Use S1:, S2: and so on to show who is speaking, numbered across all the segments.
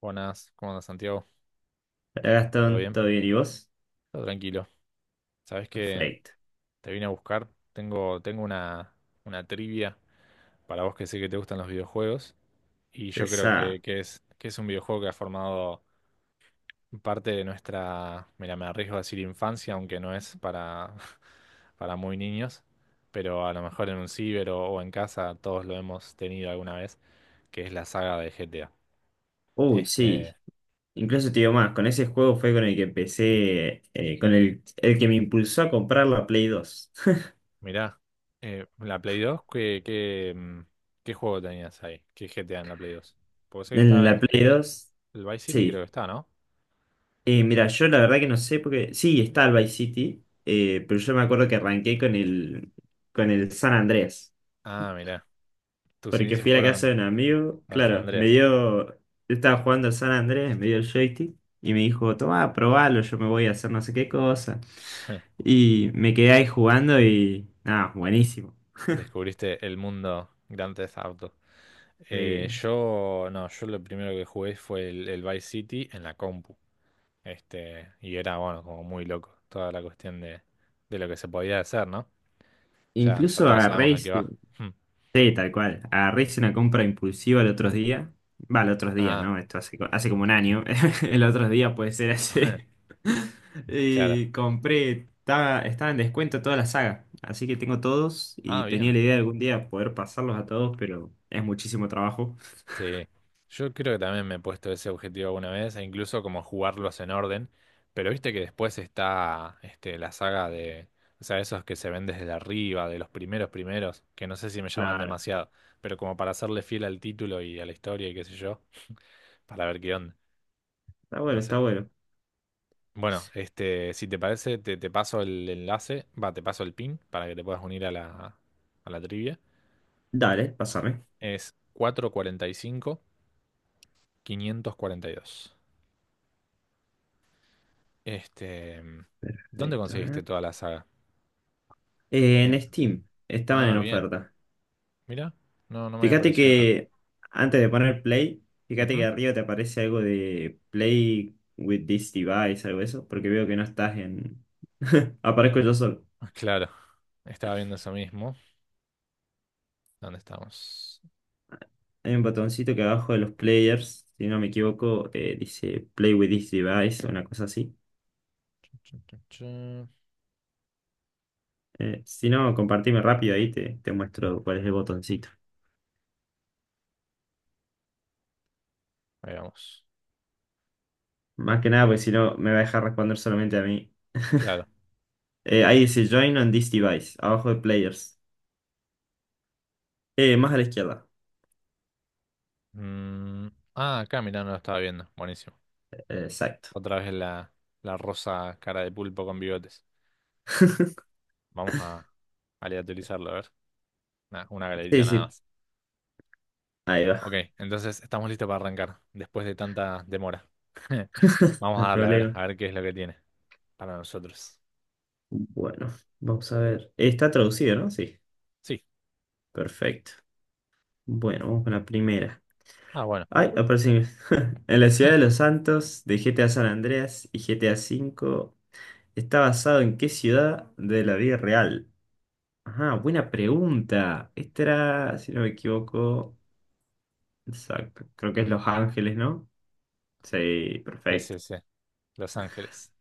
S1: Buenas, ¿cómo andas, Santiago?
S2: Hola
S1: ¿Todo
S2: Gastón,
S1: bien?
S2: ¿todo bien? ¿Y vos?
S1: Todo tranquilo. ¿Sabés que
S2: Perfecto.
S1: te vine a buscar? Tengo una trivia para vos que sé que te gustan los videojuegos y yo creo que,
S2: Esa.
S1: que es, que es un videojuego que ha formado parte de nuestra, mira, me arriesgo a decir infancia, aunque no es para, para muy niños, pero a lo mejor en un ciber o en casa todos lo hemos tenido alguna vez, que es la saga de GTA.
S2: Uy,
S1: Este,
S2: sí. Incluso te digo más, con ese juego fue con el que empecé, con el que me impulsó a comprar la Play dos.
S1: mirá, la Play dos. ¿Qué juego tenías ahí? ¿Qué GTA en la Play dos? Porque sé que
S2: En
S1: está
S2: la Play
S1: el,
S2: dos,
S1: el Vice City, creo que
S2: sí.
S1: está, ¿no?
S2: Mira, yo la verdad que no sé porque. Sí, está el Vice City, pero yo me acuerdo que arranqué con el San Andrés.
S1: Ah, mirá, tus
S2: Porque
S1: inicios
S2: fui a la casa
S1: fueron
S2: de un amigo,
S1: en San
S2: claro, me
S1: Andreas.
S2: dio. Yo estaba jugando al San Andrés, me dio el joystick y me dijo, tomá, probalo, yo me voy a hacer no sé qué cosa. Y me quedé ahí jugando y nada, buenísimo.
S1: Descubriste el mundo Grand Theft Auto. Eh,
S2: Sí.
S1: yo, no, yo lo primero que jugué fue el Vice City en la compu. Este, y era, bueno, como muy loco toda la cuestión de lo que se podía hacer, ¿no? Ya, ya
S2: Incluso
S1: todos
S2: agarré,
S1: sabemos de qué va.
S2: sí, tal cual, agarré y hice una compra impulsiva el otro día. Va, el otro día,
S1: Ah,
S2: ¿no? Esto hace, hace como un año. El otro día puede ser hace.
S1: claro.
S2: Y compré, estaba en descuento toda la saga. Así que tengo todos y
S1: Ah,
S2: tenía
S1: bien.
S2: la idea de algún día poder pasarlos a todos, pero es muchísimo trabajo.
S1: Sí. Yo creo que también me he puesto ese objetivo alguna vez, e incluso como jugarlos en orden. Pero viste que después está este, la saga de, o sea, esos que se ven desde arriba, de los primeros primeros, que no sé si me llaman
S2: Claro,
S1: demasiado, pero como para hacerle fiel al título y a la historia y qué sé yo, para ver qué onda.
S2: está
S1: No
S2: bueno,
S1: sé.
S2: está bueno.
S1: Bueno, este, si te parece, te paso el enlace, va, te paso el pin para que te puedas unir a la trivia.
S2: Dale, pásame.
S1: Es cuarenta cuarenta y cinco quinientos cuarenta y dos. Este, ¿dónde
S2: Perfecto.
S1: conseguiste
S2: ¿Eh?
S1: toda la saga?
S2: En
S1: En-
S2: Steam estaban
S1: Ah,
S2: en
S1: bien.
S2: oferta.
S1: Mira, no, no me había
S2: Fíjate
S1: aparecido nada.
S2: que antes de poner play, fíjate que
S1: Ujú.
S2: arriba te aparece algo de play with this device, algo de eso, porque veo que no estás en... Aparezco yo solo.
S1: Ah, claro, estaba viendo eso mismo. ¿Dónde estamos?
S2: Hay un botoncito que abajo de los players, si no me equivoco, dice play with this device, una cosa así.
S1: Chun, chun, chun.
S2: Si no, compartime rápido ahí, te muestro cuál es el botoncito.
S1: Ahí vamos.
S2: Más que nada, porque si no, me va a dejar responder solamente a mí.
S1: Claro.
S2: Ahí dice join on this device, abajo de players. Más a la izquierda.
S1: Mm, Ah, acá, mirá, no lo estaba viendo. Buenísimo.
S2: Exacto.
S1: Otra vez la rosa cara de pulpo con bigotes. Vamos a aleatorizarlo, a ver. Nah, una
S2: Sí,
S1: galerita nada
S2: sí.
S1: más.
S2: Ahí va.
S1: Ok, entonces estamos listos para arrancar, después de tanta demora. Vamos
S2: No
S1: a
S2: hay
S1: darle,
S2: problema.
S1: a ver qué es lo que tiene para nosotros.
S2: Bueno, vamos a ver. Está traducido, ¿no? Sí,
S1: Sí.
S2: perfecto. Bueno, vamos con la primera.
S1: Ah, bueno.
S2: Ay, aparece. En la ciudad de los Santos, de GTA San Andreas y GTA V, ¿está basado en qué ciudad de la vida real? Ajá, buena pregunta. Esta era, si no me equivoco, exacto. Creo que es Los Ángeles, ¿no? Sí,
S1: Sí,
S2: perfecto.
S1: sí, sí. Los Ángeles.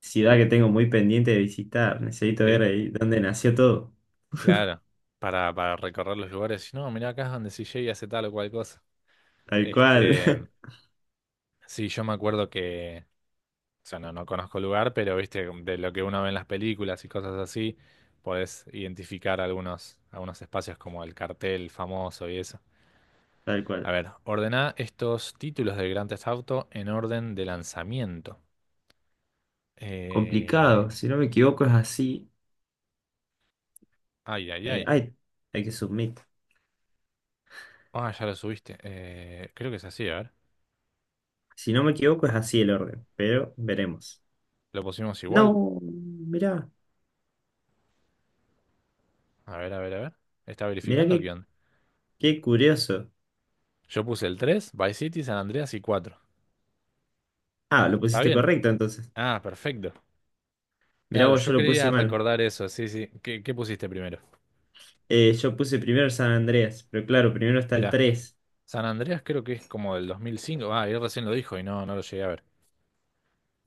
S2: Ciudad que tengo muy pendiente de visitar. Necesito ver
S1: Sí.
S2: ahí dónde nació todo.
S1: Claro. Para recorrer los lugares. No, mirá acá es donde CJ hace tal o cual cosa.
S2: Tal cual.
S1: Este. Sí, yo me acuerdo que. O sea, no, no conozco el lugar, pero viste, de lo que uno ve en las películas y cosas así, podés identificar algunos espacios como el cartel famoso y eso.
S2: Tal
S1: A
S2: cual.
S1: ver, ordená estos títulos del Grand Theft Auto en orden de lanzamiento. Eh,
S2: Complicado, si no me equivoco es así.
S1: ay, ay,
S2: eh,
S1: ay.
S2: ay, hay que submit.
S1: Ah, ya lo subiste. Creo que es así, a ver.
S2: Si no me equivoco es así el orden, pero veremos.
S1: Lo pusimos igual.
S2: No, mirá,
S1: A ver, a ver, a ver. ¿Está
S2: mirá
S1: verificando qué
S2: qué,
S1: onda?
S2: qué curioso.
S1: Yo puse el 3, Vice City, San Andreas y 4.
S2: Ah, lo
S1: ¿Está
S2: pusiste
S1: bien?
S2: correcto entonces.
S1: Ah, perfecto.
S2: Mirá
S1: Claro,
S2: vos,
S1: yo
S2: yo lo
S1: quería
S2: puse mal.
S1: recordar eso, sí, sí. ¿Qué pusiste primero?
S2: Yo puse primero San Andreas, pero claro, primero está el
S1: Mirá,
S2: tres.
S1: San Andreas creo que es como del 2005. Ah, él recién lo dijo y no, no lo llegué a ver.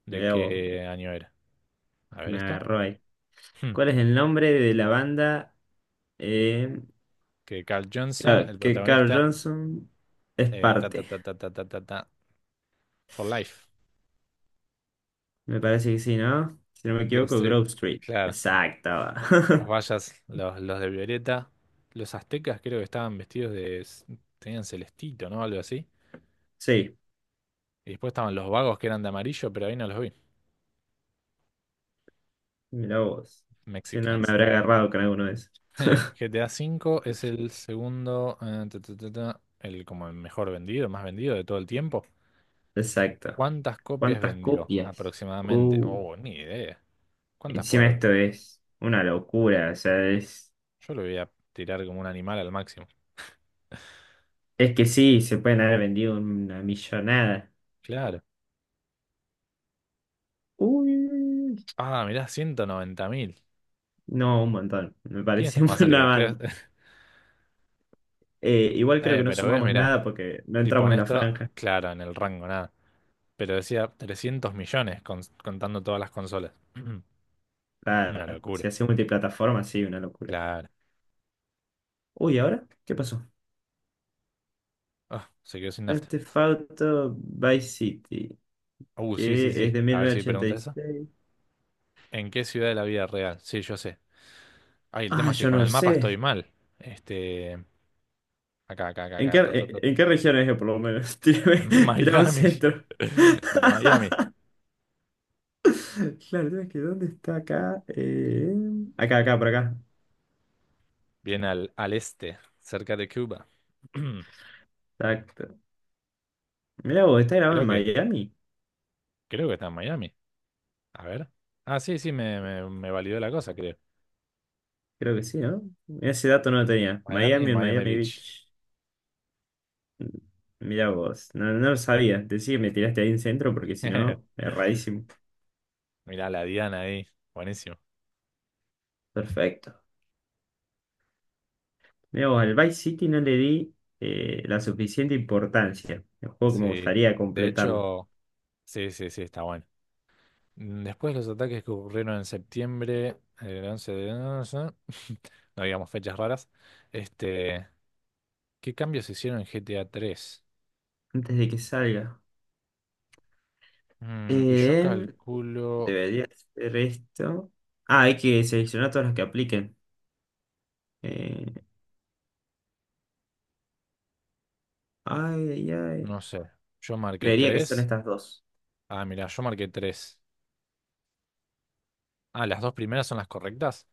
S1: ¿De
S2: Mirá vos,
S1: qué año era? A ver
S2: me
S1: esto.
S2: agarró ahí.
S1: Hmm,
S2: ¿Cuál es el nombre de la banda eh,
S1: Que Carl Johnson, el
S2: que Carl
S1: protagonista,
S2: Johnson es
S1: ta, ta,
S2: parte?
S1: ta, ta, ta, ta, ta, ta, For Life,
S2: Me parece que sí, ¿no? Si no me
S1: Grove
S2: equivoco,
S1: Street.
S2: Grove Street.
S1: Claro.
S2: Exacto.
S1: Los mayas, los de Violeta. Los aztecas creo que estaban vestidos de. Tenían celestito, ¿no? Algo así.
S2: Sí,
S1: Y después estaban los vagos que eran de amarillo, pero ahí no los vi.
S2: mira vos. Si no me
S1: Mexicans.
S2: habré agarrado con alguno de esos.
S1: GTA cinco es el segundo, ta, ta, ta, ta, el como el mejor vendido, más vendido de todo el tiempo.
S2: Exacto.
S1: ¿Cuántas copias
S2: ¿Cuántas
S1: vendió
S2: copias?
S1: aproximadamente?
S2: Uh,
S1: Oh, ni idea. ¿Cuántas puede
S2: Encima
S1: haber?
S2: esto
S1: vendido?
S2: es una locura. O sea, es,
S1: Yo lo voy a tirar como un animal al máximo.
S2: es que sí, se pueden haber vendido una millonada.
S1: Claro.
S2: Uy,
S1: Ah, mirá, 190.000.
S2: no, un montón. Me
S1: ¿Quién está
S2: parece
S1: más
S2: una
S1: cerca? Creo.
S2: banda. Igual creo
S1: Eh,
S2: que no
S1: pero ves,
S2: sumamos
S1: mirá.
S2: nada porque no
S1: Si
S2: entramos
S1: pones
S2: en la
S1: esto,
S2: franja.
S1: claro, en el rango, nada. Pero decía 300 millones contando todas las consolas. Una
S2: Claro, si
S1: locura.
S2: hace multiplataforma, sí, una locura.
S1: Claro.
S2: Uy, ¿ahora? ¿Qué pasó?
S1: Ah, se quedó sin nafta.
S2: Este Theft Auto Vice City,
S1: Sí, sí,
S2: que
S1: sí.
S2: es de
S1: A
S2: mil
S1: ver si
S2: novecientos ochenta
S1: pregunta eso.
S2: y seis
S1: ¿En qué ciudad de la vida real? Sí, yo sé. Ay, el
S2: Ah,
S1: tema es que
S2: yo
S1: con
S2: no
S1: el mapa estoy
S2: sé.
S1: mal. Este. Acá, acá, acá,
S2: ¿En qué,
S1: acá. Ta, ta,
S2: en,
S1: ta.
S2: en qué región es, por lo menos? Tírame,
S1: En
S2: tírame un
S1: Miami.
S2: centro.
S1: En Miami.
S2: Claro, ¿sabes que? ¿Dónde está acá? Acá, por acá.
S1: Bien al este, cerca de Cuba.
S2: Exacto. Mirá vos, ¿está grabado
S1: Creo
S2: en
S1: que,
S2: Miami?
S1: creo que está en Miami. A ver. Ah, sí, sí, me validó la cosa, creo.
S2: Creo que sí, ¿no? Ese dato no lo tenía.
S1: Miami,
S2: Miami en
S1: Miami
S2: Miami
S1: Beach.
S2: Beach. Mirá vos, no, no lo sabía. Decí que me tiraste ahí en centro porque si no, erradísimo.
S1: Mirá, la Diana ahí. Buenísimo.
S2: Perfecto. Mirá vos, al Vice City no le di la suficiente importancia. El juego que me
S1: Sí.
S2: gustaría
S1: De
S2: completarlo.
S1: hecho, sí, sí, sí, está bueno. Después los ataques que ocurrieron en septiembre, el 11 de. No sé, no digamos fechas raras. Este, ¿qué cambios se hicieron en GTA 3?
S2: Antes de que salga.
S1: Y yo
S2: Em,
S1: calculo,
S2: Debería ser esto. Ah, hay que seleccionar todas las que apliquen. Eh, Ay, ay, ay.
S1: no sé, yo marqué
S2: Creería que son
S1: 3.
S2: estas dos.
S1: Ah, mirá, yo marqué tres. Ah, las dos primeras son las correctas.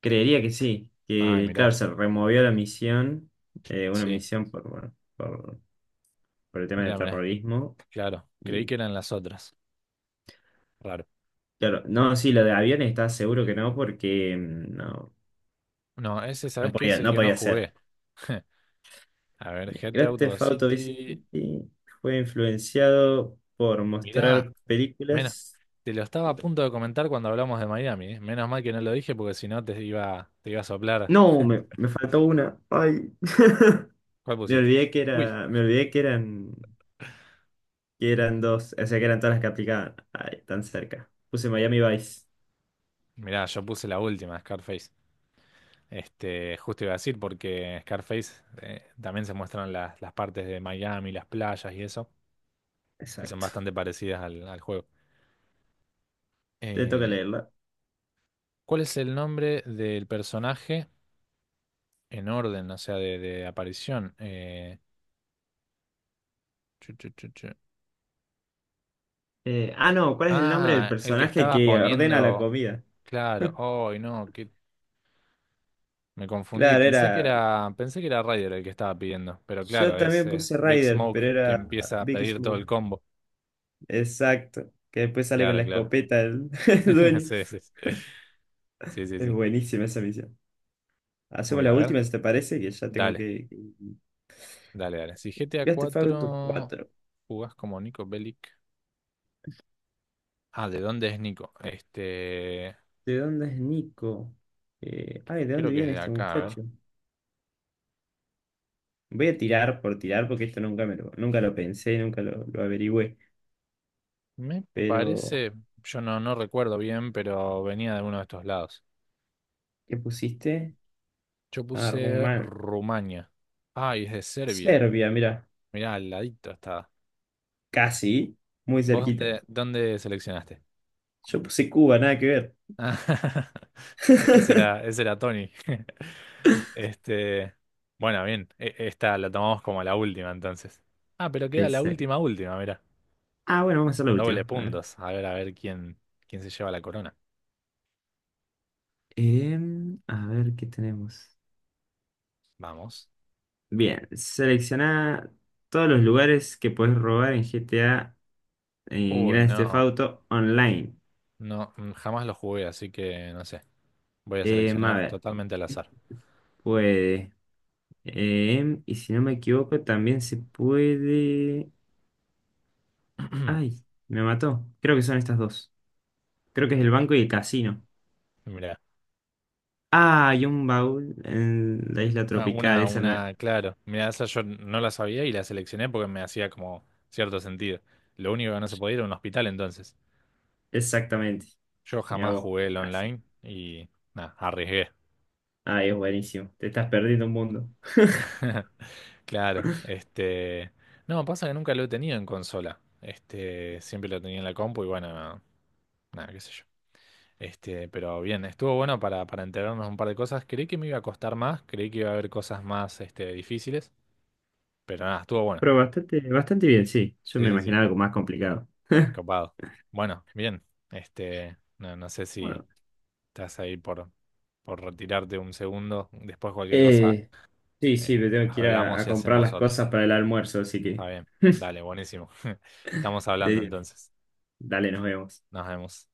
S2: Creería que sí.
S1: Ah,
S2: Que, claro,
S1: mirá,
S2: se removió la misión. Una
S1: sí,
S2: misión por, bueno, por el tema de
S1: mirá, mirá.
S2: terrorismo.
S1: Claro, creí
S2: Y,
S1: que eran las otras. Raro.
S2: claro, no, sí, lo de aviones está seguro que no, porque no,
S1: No, ese, ¿sabes
S2: no
S1: qué? Es
S2: podía,
S1: el
S2: no
S1: que no
S2: podía ser.
S1: jugué. A ver, Head de
S2: Grand
S1: Auto
S2: Theft Auto Vice
S1: City.
S2: City fue influenciado por
S1: Mirá,
S2: mostrar
S1: menos,
S2: películas.
S1: te lo estaba a punto de comentar cuando hablamos de Miami, ¿eh? Menos mal que no lo dije porque si no te iba a soplar.
S2: No, me, me faltó una. Ay.
S1: ¿Cuál
S2: Me
S1: pusiste?
S2: olvidé que
S1: Uy,
S2: era, me olvidé que eran dos, o sea, que eran todas las que aplicaban. Ay, tan cerca. Puse Miami Vice.
S1: mirá, yo puse la última, Scarface. Este, justo iba a decir porque Scarface también se muestran las partes de Miami, las playas y eso, y son
S2: Exacto.
S1: bastante parecidas al juego.
S2: Te toca
S1: Eh,
S2: leerla.
S1: ¿Cuál es el nombre del personaje en orden, o sea, de aparición? Eh,
S2: No, ¿cuál es el nombre del
S1: Ah, el que
S2: personaje
S1: estaba
S2: que ordena la
S1: poniendo.
S2: comida?
S1: Claro, hoy no, que me confundí.
S2: Claro,
S1: Pensé que
S2: era.
S1: era, pensé que era Ryder el que estaba pidiendo, pero
S2: Yo
S1: claro, es,
S2: también
S1: es
S2: puse
S1: Big
S2: Ryder,
S1: Smoke
S2: pero
S1: que
S2: era
S1: empieza a
S2: Big
S1: pedir todo
S2: Smoke.
S1: el combo.
S2: Exacto. Que después sale con
S1: Claro,
S2: la
S1: claro.
S2: escopeta el, el dueño.
S1: Sí, sí, sí. Sí, sí,
S2: Es
S1: sí.
S2: buenísima esa misión. Hacemos
S1: Voy
S2: la
S1: a ver.
S2: última, si te parece, que ya tengo
S1: Dale,
S2: que.
S1: dale, dale. Si GTA
S2: ¿Gaste Fauto
S1: 4
S2: 4?
S1: jugás como Nico Bellic. Ah, ¿de dónde es Nico? Este,
S2: ¿De dónde es Nico? Ay, ¿de dónde
S1: creo que es
S2: viene
S1: de
S2: este
S1: acá, a ver.
S2: muchacho? Voy a tirar por tirar porque esto nunca lo pensé, nunca lo averigüé.
S1: Me
S2: Pero,
S1: parece, yo no, no recuerdo bien, pero venía de uno de estos lados.
S2: ¿qué pusiste?
S1: Yo
S2: Ah,
S1: puse
S2: Rumán.
S1: Rumania. Ay, es de Serbia.
S2: Serbia, mira.
S1: Mirá, al ladito estaba.
S2: Casi, muy
S1: ¿Vos
S2: cerquita.
S1: dónde seleccionaste?
S2: Yo puse Cuba, nada que ver.
S1: Ese era, ese era Tony. Este, bueno, bien. Esta la tomamos como la última entonces. Ah, pero queda la
S2: Exacto.
S1: última, última, mira.
S2: Ah, bueno, vamos a hacer la
S1: Doble
S2: última. A ver.
S1: puntos. A ver quién se lleva la corona.
S2: A ver qué tenemos.
S1: Vamos.
S2: Bien, selecciona todos los lugares que puedes robar en GTA, en
S1: Uy,
S2: Grand Theft
S1: no.
S2: Auto Online.
S1: No, jamás lo jugué, así que no sé. Voy a
S2: A
S1: seleccionar
S2: ver.
S1: totalmente al azar.
S2: Puede. Y si no me equivoco, también se puede. Ay, me mató. Creo que son estas dos. Creo que es el banco y el casino.
S1: Mira.
S2: Ah, hay un baúl en la isla
S1: Ah,
S2: tropical.
S1: una,
S2: Esa no-
S1: una, claro. Mira, esa yo no la sabía y la seleccioné porque me hacía como cierto sentido. Lo único que no se podía era un hospital entonces.
S2: Exactamente.
S1: Yo
S2: Mira
S1: jamás
S2: vos,
S1: jugué el
S2: casi.
S1: online y nada, arriesgué.
S2: Ay, es buenísimo. Te estás perdiendo un mundo.
S1: Claro, no, pasa que nunca lo he tenido en consola. Este, siempre lo tenía en la compu y bueno, nada, qué sé yo. Este, pero bien, estuvo bueno para enterarnos un par de cosas. Creí que me iba a costar más, creí que iba a haber cosas más, este, difíciles, pero nada, estuvo bueno.
S2: Pero bastante, bastante bien, sí. Yo
S1: Sí,
S2: me
S1: sí, sí.
S2: imaginaba algo más complicado.
S1: Copado. Bueno, bien. Este, no, no sé si
S2: Bueno,
S1: estás ahí por retirarte un segundo. Después cualquier cosa,
S2: eh, sí, sí, me tengo que ir a
S1: hablamos y
S2: comprar
S1: hacemos
S2: las
S1: otro.
S2: cosas para el almuerzo, así que
S1: Está bien. Dale, buenísimo. Estamos hablando
S2: de-
S1: entonces.
S2: dale, nos vemos.
S1: Nos vemos.